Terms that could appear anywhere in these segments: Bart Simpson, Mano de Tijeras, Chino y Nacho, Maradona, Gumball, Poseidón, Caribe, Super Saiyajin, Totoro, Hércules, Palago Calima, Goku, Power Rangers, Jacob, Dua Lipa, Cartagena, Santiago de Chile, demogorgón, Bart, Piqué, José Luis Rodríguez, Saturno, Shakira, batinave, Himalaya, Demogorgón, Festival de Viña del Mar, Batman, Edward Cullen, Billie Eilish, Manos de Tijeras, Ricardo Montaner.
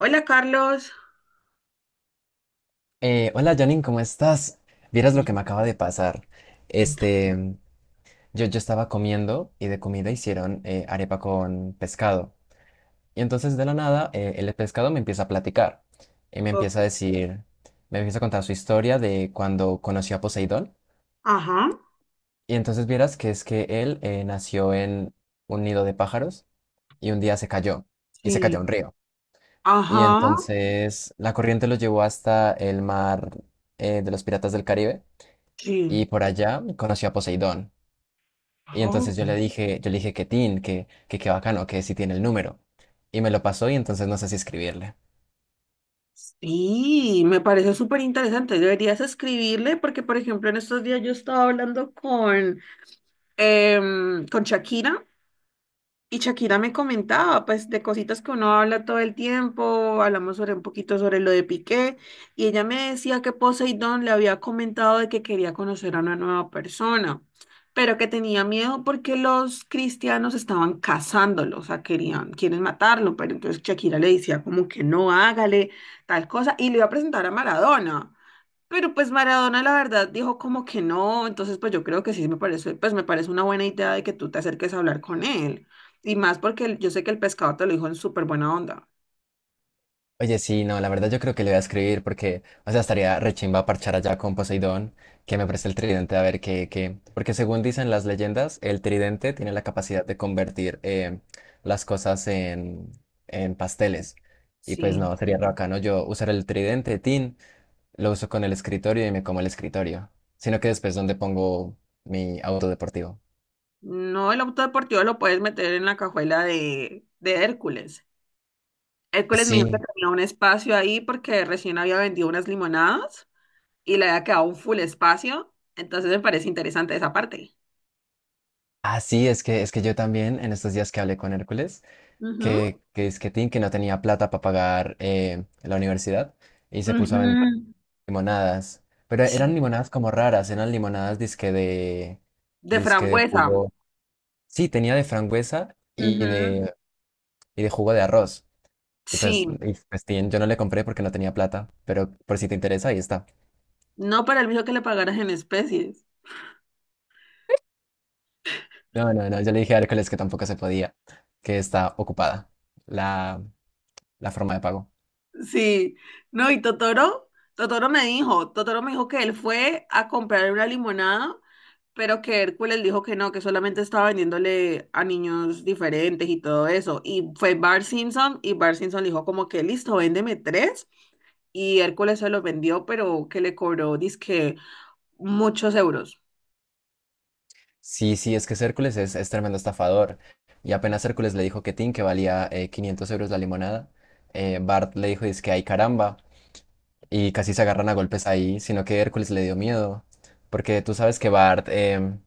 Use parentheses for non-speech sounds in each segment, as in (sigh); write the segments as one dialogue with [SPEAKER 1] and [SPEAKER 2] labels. [SPEAKER 1] Hola Carlos.
[SPEAKER 2] Hola, Janine, ¿cómo estás? Vieras lo que me acaba de pasar.
[SPEAKER 1] Entra.
[SPEAKER 2] Este, yo estaba comiendo y de comida hicieron arepa con pescado. Y entonces de la nada el pescado me empieza a platicar y me
[SPEAKER 1] Oh,
[SPEAKER 2] empieza a decir, me empieza a contar su historia de cuando conoció a Poseidón.
[SPEAKER 1] ajá,
[SPEAKER 2] Y entonces vieras que es que él nació en un nido de pájaros y un día se cayó y se
[SPEAKER 1] sí,
[SPEAKER 2] cayó a un río. Y
[SPEAKER 1] ajá,
[SPEAKER 2] entonces la corriente lo llevó hasta el mar de los Piratas del Caribe.
[SPEAKER 1] sí.
[SPEAKER 2] Y por allá conoció a Poseidón. Y
[SPEAKER 1] Oh,
[SPEAKER 2] entonces yo le dije que Tin, que qué bacano, que si tiene el número. Y me lo pasó y entonces no sé si escribirle.
[SPEAKER 1] sí, me parece súper interesante. Deberías escribirle porque, por ejemplo, en estos días yo estaba hablando con Shakira. Y Shakira me comentaba, pues, de cositas que uno habla todo el tiempo, hablamos sobre un poquito sobre lo de Piqué, y ella me decía que Poseidón le había comentado de que quería conocer a una nueva persona, pero que tenía miedo porque los cristianos estaban cazándolo, o sea, querían, quieren matarlo, pero entonces Shakira le decía como que no hágale tal cosa, y le iba a presentar a Maradona. Pero pues Maradona la verdad dijo como que no, entonces pues yo creo que sí me parece, pues me parece una buena idea de que tú te acerques a hablar con él. Y más porque yo sé que el pescado te lo dijo en súper buena onda.
[SPEAKER 2] Oye, sí, no, la verdad yo creo que le voy a escribir porque, o sea, estaría rechimba parchar allá con Poseidón, que me preste el tridente a ver qué, qué. Porque según dicen las leyendas, el tridente tiene la capacidad de convertir las cosas en pasteles. Y pues
[SPEAKER 1] Sí.
[SPEAKER 2] no, sería re bacano yo usar el tridente, Tin. Lo uso con el escritorio y me como el escritorio, sino que después donde pongo mi auto deportivo.
[SPEAKER 1] No, el auto deportivo lo puedes meter en la cajuela de Hércules. Hércules me dijo que
[SPEAKER 2] Sí,
[SPEAKER 1] tenía un espacio ahí porque recién había vendido unas limonadas y le había quedado un full espacio. Entonces me parece interesante esa parte.
[SPEAKER 2] ah, sí, es que yo también en estos días que hablé con Hércules,
[SPEAKER 1] Ujú.
[SPEAKER 2] que es que Tim, que no tenía plata para pagar la universidad y se puso a vender
[SPEAKER 1] Ujú.
[SPEAKER 2] limonadas, pero
[SPEAKER 1] Sí.
[SPEAKER 2] eran limonadas como raras, eran limonadas
[SPEAKER 1] De
[SPEAKER 2] disque de
[SPEAKER 1] frambuesa.
[SPEAKER 2] jugo, sí, tenía de frangüesa
[SPEAKER 1] Ujú.
[SPEAKER 2] y de jugo de arroz.
[SPEAKER 1] Sí.
[SPEAKER 2] Y pues, Tim, yo no le compré porque no tenía plata, pero por si te interesa, ahí está.
[SPEAKER 1] No para el bicho que le pagaras en especies.
[SPEAKER 2] No, no, no, yo le dije a Hércules que tampoco se podía, que está ocupada la, la forma de pago.
[SPEAKER 1] Sí. No, y Totoro, Totoro me dijo que él fue a comprar una limonada, pero que Hércules dijo que no, que solamente estaba vendiéndole a niños diferentes y todo eso. Y fue Bart Simpson y Bart Simpson le dijo como que listo, véndeme tres. Y Hércules se los vendió, pero que le cobró, dizque, muchos euros.
[SPEAKER 2] Sí, sí, es que Hércules es tremendo estafador. Y apenas Hércules le dijo que Tin, que valía 500 euros la limonada, Bart le dijo, dice que ay caramba, y casi se agarran a golpes ahí, sino que Hércules le dio miedo, porque tú sabes que Bart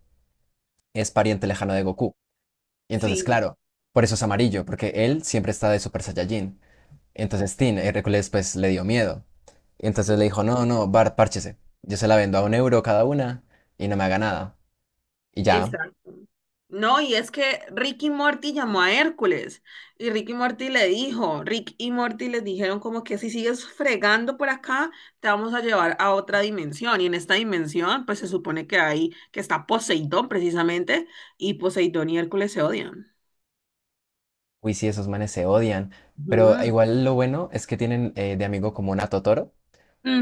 [SPEAKER 2] es pariente lejano de Goku. Y entonces,
[SPEAKER 1] Sí,
[SPEAKER 2] claro, por eso es amarillo, porque él siempre está de Super Saiyajin. Entonces Tin, Hércules pues le dio miedo. Entonces
[SPEAKER 1] sí.
[SPEAKER 2] le dijo, no, no, Bart, párchese. Yo se la vendo a un euro cada una y no me haga nada. Y ya,
[SPEAKER 1] Exacto. No, y es que Ricky Morty llamó a Hércules y Ricky Morty le dijo, Rick y Morty les dijeron como que si sigues fregando por acá, te vamos a llevar a otra dimensión. Y en esta dimensión, pues se supone que hay, que está Poseidón precisamente, y Poseidón y Hércules se odian.
[SPEAKER 2] uy, sí, esos manes se odian. Pero
[SPEAKER 1] Ujú.
[SPEAKER 2] igual lo bueno es que tienen de amigo común a Totoro.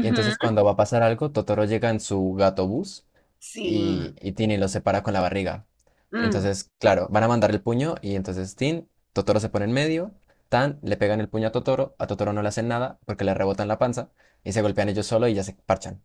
[SPEAKER 2] Y entonces cuando va a pasar algo, Totoro llega en su gato bus
[SPEAKER 1] Sí.
[SPEAKER 2] y Tin y lo separa con la barriga.
[SPEAKER 1] Mm.
[SPEAKER 2] Entonces, claro, van a mandar el puño y entonces Tin, Totoro se pone en medio. Tan, le pegan el puño a Totoro no le hacen nada porque le rebotan la panza y se golpean ellos solo y ya se parchan.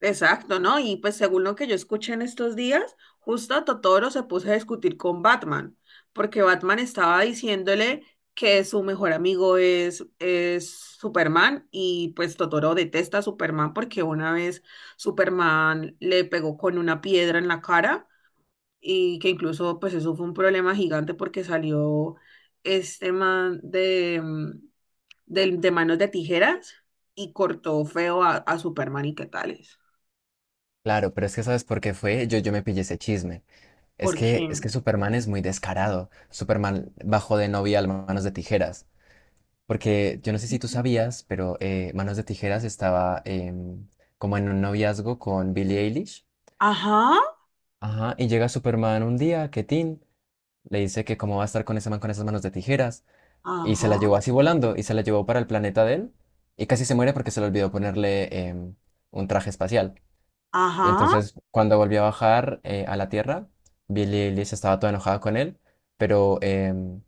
[SPEAKER 1] Exacto, ¿no? Y pues según lo que yo escuché en estos días, justo a Totoro se puso a discutir con Batman, porque Batman estaba diciéndole que su mejor amigo es Superman y pues Totoro detesta a Superman porque una vez Superman le pegó con una piedra en la cara y que incluso pues eso fue un problema gigante porque salió este man de manos de tijeras y cortó feo a Superman y qué tales.
[SPEAKER 2] Claro, pero es que ¿sabes por qué fue? Yo me pillé ese chisme.
[SPEAKER 1] ¿Por
[SPEAKER 2] Es que
[SPEAKER 1] quién?
[SPEAKER 2] Superman es muy descarado. Superman bajó de novia a Manos de Tijeras. Porque yo no sé si tú sabías, pero Manos de Tijeras estaba como en un noviazgo con Billie Eilish.
[SPEAKER 1] Ajá,
[SPEAKER 2] Ajá, y llega Superman un día, que Tin le dice que cómo va a estar con ese man con esas manos de tijeras. Y se la
[SPEAKER 1] ajá,
[SPEAKER 2] llevó así volando, y se la llevó para el planeta de él. Y casi se muere porque se le olvidó ponerle un traje espacial. Y
[SPEAKER 1] ajá.
[SPEAKER 2] entonces cuando volvió a bajar a la Tierra, Billie Eilish estaba toda enojada con él, pero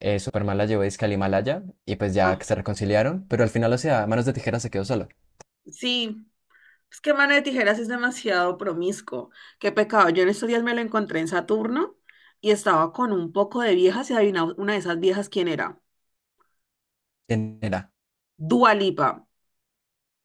[SPEAKER 2] Superman la llevó dizque al Himalaya y pues ya
[SPEAKER 1] Ah,
[SPEAKER 2] que se reconciliaron, pero al final, o sea, Manos de Tijeras se quedó solo.
[SPEAKER 1] sí, es que Mano de Tijeras sí es demasiado promiscuo. Qué pecado. Yo en estos días me lo encontré en Saturno y estaba con un poco de viejas y adivinaba una de esas viejas quién era.
[SPEAKER 2] ¿Quién era?
[SPEAKER 1] Dua Lipa.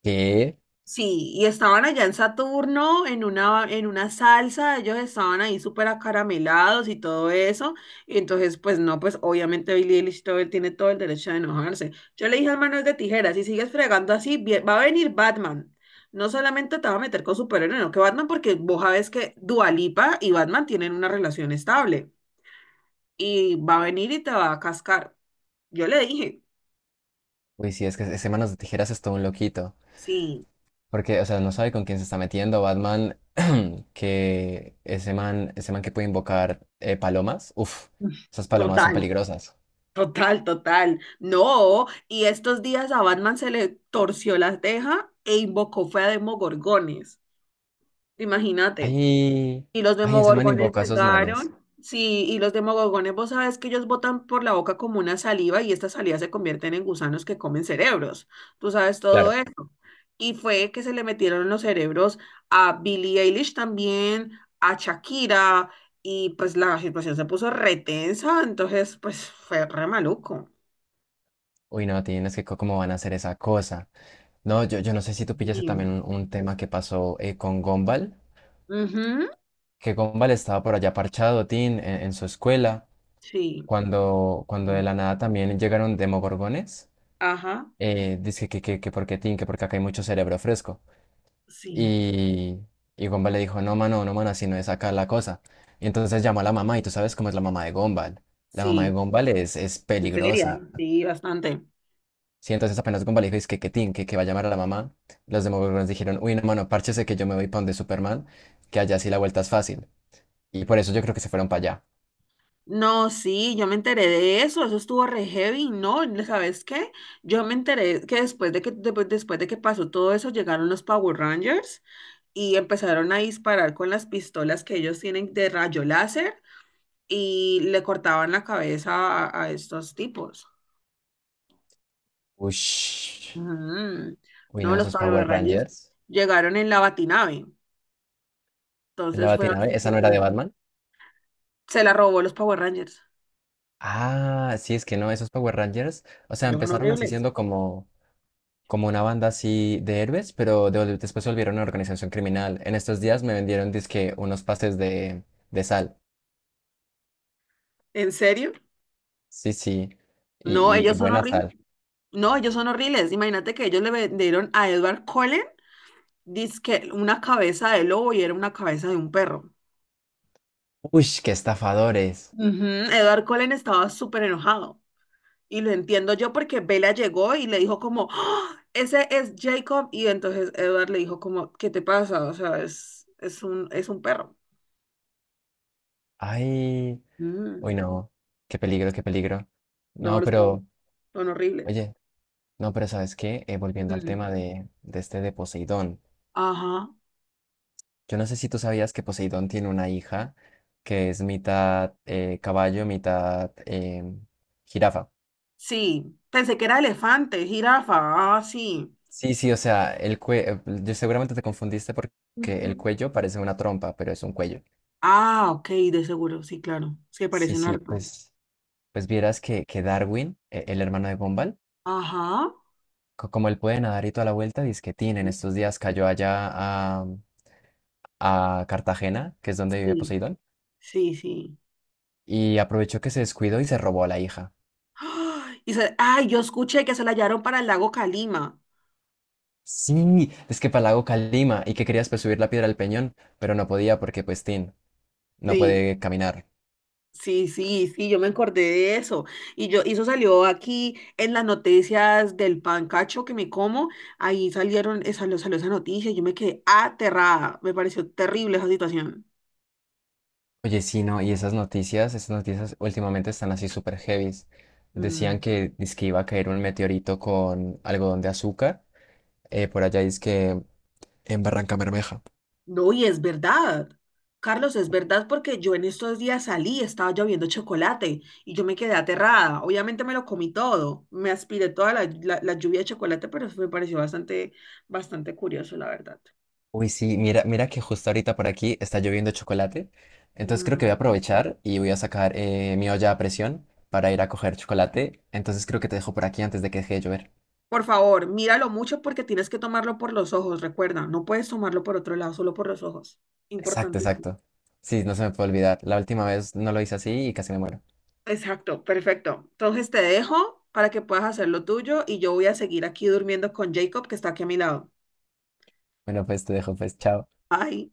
[SPEAKER 2] ¿Qué?
[SPEAKER 1] Sí, y estaban allá en Saturno en una salsa, ellos estaban ahí súper acaramelados y todo eso. Y entonces, pues no, pues obviamente Billie Eilish todo, él tiene todo el derecho de enojarse. Yo le dije al Manuel de Tijeras, si sigues fregando así, va a venir Batman. No solamente te va a meter con superhéroe, no que Batman, porque vos sabes que Dua Lipa y Batman tienen una relación estable. Y va a venir y te va a cascar. Yo le dije,
[SPEAKER 2] Uy, sí, es que ese Manos de Tijeras es todo un loquito,
[SPEAKER 1] sí,
[SPEAKER 2] porque, o sea, no sabe con quién se está metiendo. Batman, (clears throat) que ese man que puede invocar palomas, uff,
[SPEAKER 1] (laughs)
[SPEAKER 2] esas palomas son
[SPEAKER 1] total.
[SPEAKER 2] peligrosas.
[SPEAKER 1] Total, total. No, y estos días a Batman se le torció la teja e invocó fue a Demogorgones. Imagínate.
[SPEAKER 2] Ay,
[SPEAKER 1] Y los
[SPEAKER 2] ay, ese man
[SPEAKER 1] Demogorgones
[SPEAKER 2] invoca a esos manes.
[SPEAKER 1] llegaron. Sí, y los Demogorgones, vos sabes que ellos botan por la boca como una saliva y esta saliva se convierten en gusanos que comen cerebros. Tú sabes todo
[SPEAKER 2] Claro.
[SPEAKER 1] eso. Y fue que se le metieron en los cerebros a Billie Eilish también, a Shakira, y pues la situación se puso retensa, entonces pues fue re maluco.
[SPEAKER 2] Uy, no, tienes que cómo van a hacer esa cosa. No, yo no sé si tú pillaste también
[SPEAKER 1] Bien.
[SPEAKER 2] un tema que pasó con Gombal,
[SPEAKER 1] Ujú.
[SPEAKER 2] que Gombal estaba por allá parchado, Tin, en su escuela,
[SPEAKER 1] Sí.
[SPEAKER 2] cuando, cuando de la nada también llegaron demogorgones.
[SPEAKER 1] Ajá.
[SPEAKER 2] Dice que porque Tin, que porque acá hay mucho cerebro fresco.
[SPEAKER 1] Sí.
[SPEAKER 2] Y, y Gombal le dijo, no, mano, no, mano, así no es acá la cosa. Y entonces llamó a la mamá, y tú sabes cómo es la mamá de Gombal. La mamá de
[SPEAKER 1] Sí.
[SPEAKER 2] Gombal es
[SPEAKER 1] Seria.
[SPEAKER 2] peligrosa.
[SPEAKER 1] Sí, bastante.
[SPEAKER 2] Sí, entonces apenas Gumball dijo, es que tin, que va a llamar a la mamá, los Demogorgons dijeron, uy, no, mano, párchese que yo me voy para donde Superman, que allá sí la vuelta es fácil. Y por eso yo creo que se fueron para allá.
[SPEAKER 1] No, sí, yo me enteré de eso. Eso estuvo re heavy. No, ¿sabes qué? Yo me enteré que después de que pues, después de que pasó todo eso, llegaron los Power Rangers y empezaron a disparar con las pistolas que ellos tienen de rayo láser y le cortaban la cabeza a estos tipos.
[SPEAKER 2] Ush.
[SPEAKER 1] Ujú.
[SPEAKER 2] Uy,
[SPEAKER 1] No,
[SPEAKER 2] no,
[SPEAKER 1] los
[SPEAKER 2] esos Power
[SPEAKER 1] Power Rangers
[SPEAKER 2] Rangers.
[SPEAKER 1] llegaron en la batinave.
[SPEAKER 2] En la
[SPEAKER 1] Entonces fue
[SPEAKER 2] Batinave,
[SPEAKER 1] bastante
[SPEAKER 2] ¿esa no era de
[SPEAKER 1] interesante.
[SPEAKER 2] Batman?
[SPEAKER 1] Se la robó los Power Rangers.
[SPEAKER 2] Ah, sí, es que no, esos Power Rangers, o sea,
[SPEAKER 1] Ellos son
[SPEAKER 2] empezaron así
[SPEAKER 1] horribles.
[SPEAKER 2] siendo como, como una banda así de héroes, pero después se volvieron una organización criminal. En estos días me vendieron, dizque, unos pases de sal.
[SPEAKER 1] ¿En serio?
[SPEAKER 2] Sí, sí, y,
[SPEAKER 1] No,
[SPEAKER 2] y
[SPEAKER 1] ellos son
[SPEAKER 2] buena
[SPEAKER 1] horribles.
[SPEAKER 2] sal.
[SPEAKER 1] No, ellos son horribles. Imagínate que ellos le vendieron a Edward Cullen dizque una cabeza de lobo y era una cabeza de un perro.
[SPEAKER 2] Uy, qué estafadores.
[SPEAKER 1] Ujú. Edward Cullen estaba súper enojado. Y lo entiendo yo porque Bella llegó y le dijo como, "¡Ah! Ese es Jacob". Y entonces Edward le dijo como, ¿qué te pasa? O sea, es un perro.
[SPEAKER 2] Ay,
[SPEAKER 1] Mm,
[SPEAKER 2] uy, no, qué peligro, qué peligro.
[SPEAKER 1] no,
[SPEAKER 2] No,
[SPEAKER 1] los perros
[SPEAKER 2] pero,
[SPEAKER 1] son horribles.
[SPEAKER 2] oye, no, pero ¿sabes qué? Volviendo al
[SPEAKER 1] Mm.
[SPEAKER 2] tema de este de Poseidón.
[SPEAKER 1] Ajá.
[SPEAKER 2] Yo no sé si tú sabías que Poseidón tiene una hija que es mitad caballo, mitad jirafa.
[SPEAKER 1] Sí, pensé que era elefante, jirafa, ah, sí.
[SPEAKER 2] Sí, sí, o sea, el cuello, yo seguramente te confundiste porque el
[SPEAKER 1] Ujú.
[SPEAKER 2] cuello parece una trompa, pero es un cuello.
[SPEAKER 1] Ah, ok, de seguro, sí, claro, se
[SPEAKER 2] Sí,
[SPEAKER 1] parecen
[SPEAKER 2] sí,
[SPEAKER 1] harto.
[SPEAKER 2] pues, pues vieras que Darwin, el hermano de Gumball,
[SPEAKER 1] Ajá,
[SPEAKER 2] como él puede nadar y toda la vuelta, disquetín, en
[SPEAKER 1] sí,
[SPEAKER 2] estos días cayó allá a, a Cartagena, que es donde vive
[SPEAKER 1] sí,
[SPEAKER 2] Poseidón,
[SPEAKER 1] sí, sí.
[SPEAKER 2] y aprovechó que se descuidó y se robó a la hija.
[SPEAKER 1] ¡Ah! Y ay, yo escuché que se la hallaron para el lago Calima.
[SPEAKER 2] Sí, es que Palago Calima y que querías pues subir la piedra al peñón, pero no podía porque pues Tin no
[SPEAKER 1] Sí,
[SPEAKER 2] puede caminar.
[SPEAKER 1] sí, sí, sí, yo me acordé de eso. Y yo, y eso salió aquí en las noticias del pancacho que me como, ahí salió esa noticia, y yo me quedé aterrada, me pareció terrible esa situación.
[SPEAKER 2] Oye, sí, no, y esas noticias últimamente están así súper heavies. Decían
[SPEAKER 1] Mm.
[SPEAKER 2] que dizque iba a caer un meteorito con algodón de azúcar, por allá que en Barranca Bermeja.
[SPEAKER 1] No, y es verdad. Carlos, es verdad porque yo en estos días salí, estaba lloviendo chocolate y yo me quedé aterrada. Obviamente me lo comí todo, me aspiré toda la lluvia de chocolate, pero eso me pareció bastante, bastante curioso, la verdad.
[SPEAKER 2] Uy, sí, mira, mira que justo ahorita por aquí está lloviendo chocolate. Entonces creo que voy a
[SPEAKER 1] Mm.
[SPEAKER 2] aprovechar y voy a sacar mi olla a presión para ir a coger chocolate. Entonces creo que te dejo por aquí antes de que deje de llover.
[SPEAKER 1] Por favor, míralo mucho porque tienes que tomarlo por los ojos, recuerda, no puedes tomarlo por otro lado, solo por los ojos.
[SPEAKER 2] Exacto,
[SPEAKER 1] Importantísimo.
[SPEAKER 2] exacto. Sí, no se me puede olvidar. La última vez no lo hice así y casi me muero.
[SPEAKER 1] Exacto, perfecto. Entonces te dejo para que puedas hacer lo tuyo y yo voy a seguir aquí durmiendo con Jacob que está aquí a mi lado.
[SPEAKER 2] Bueno, pues te dejo, pues, chao.
[SPEAKER 1] Bye.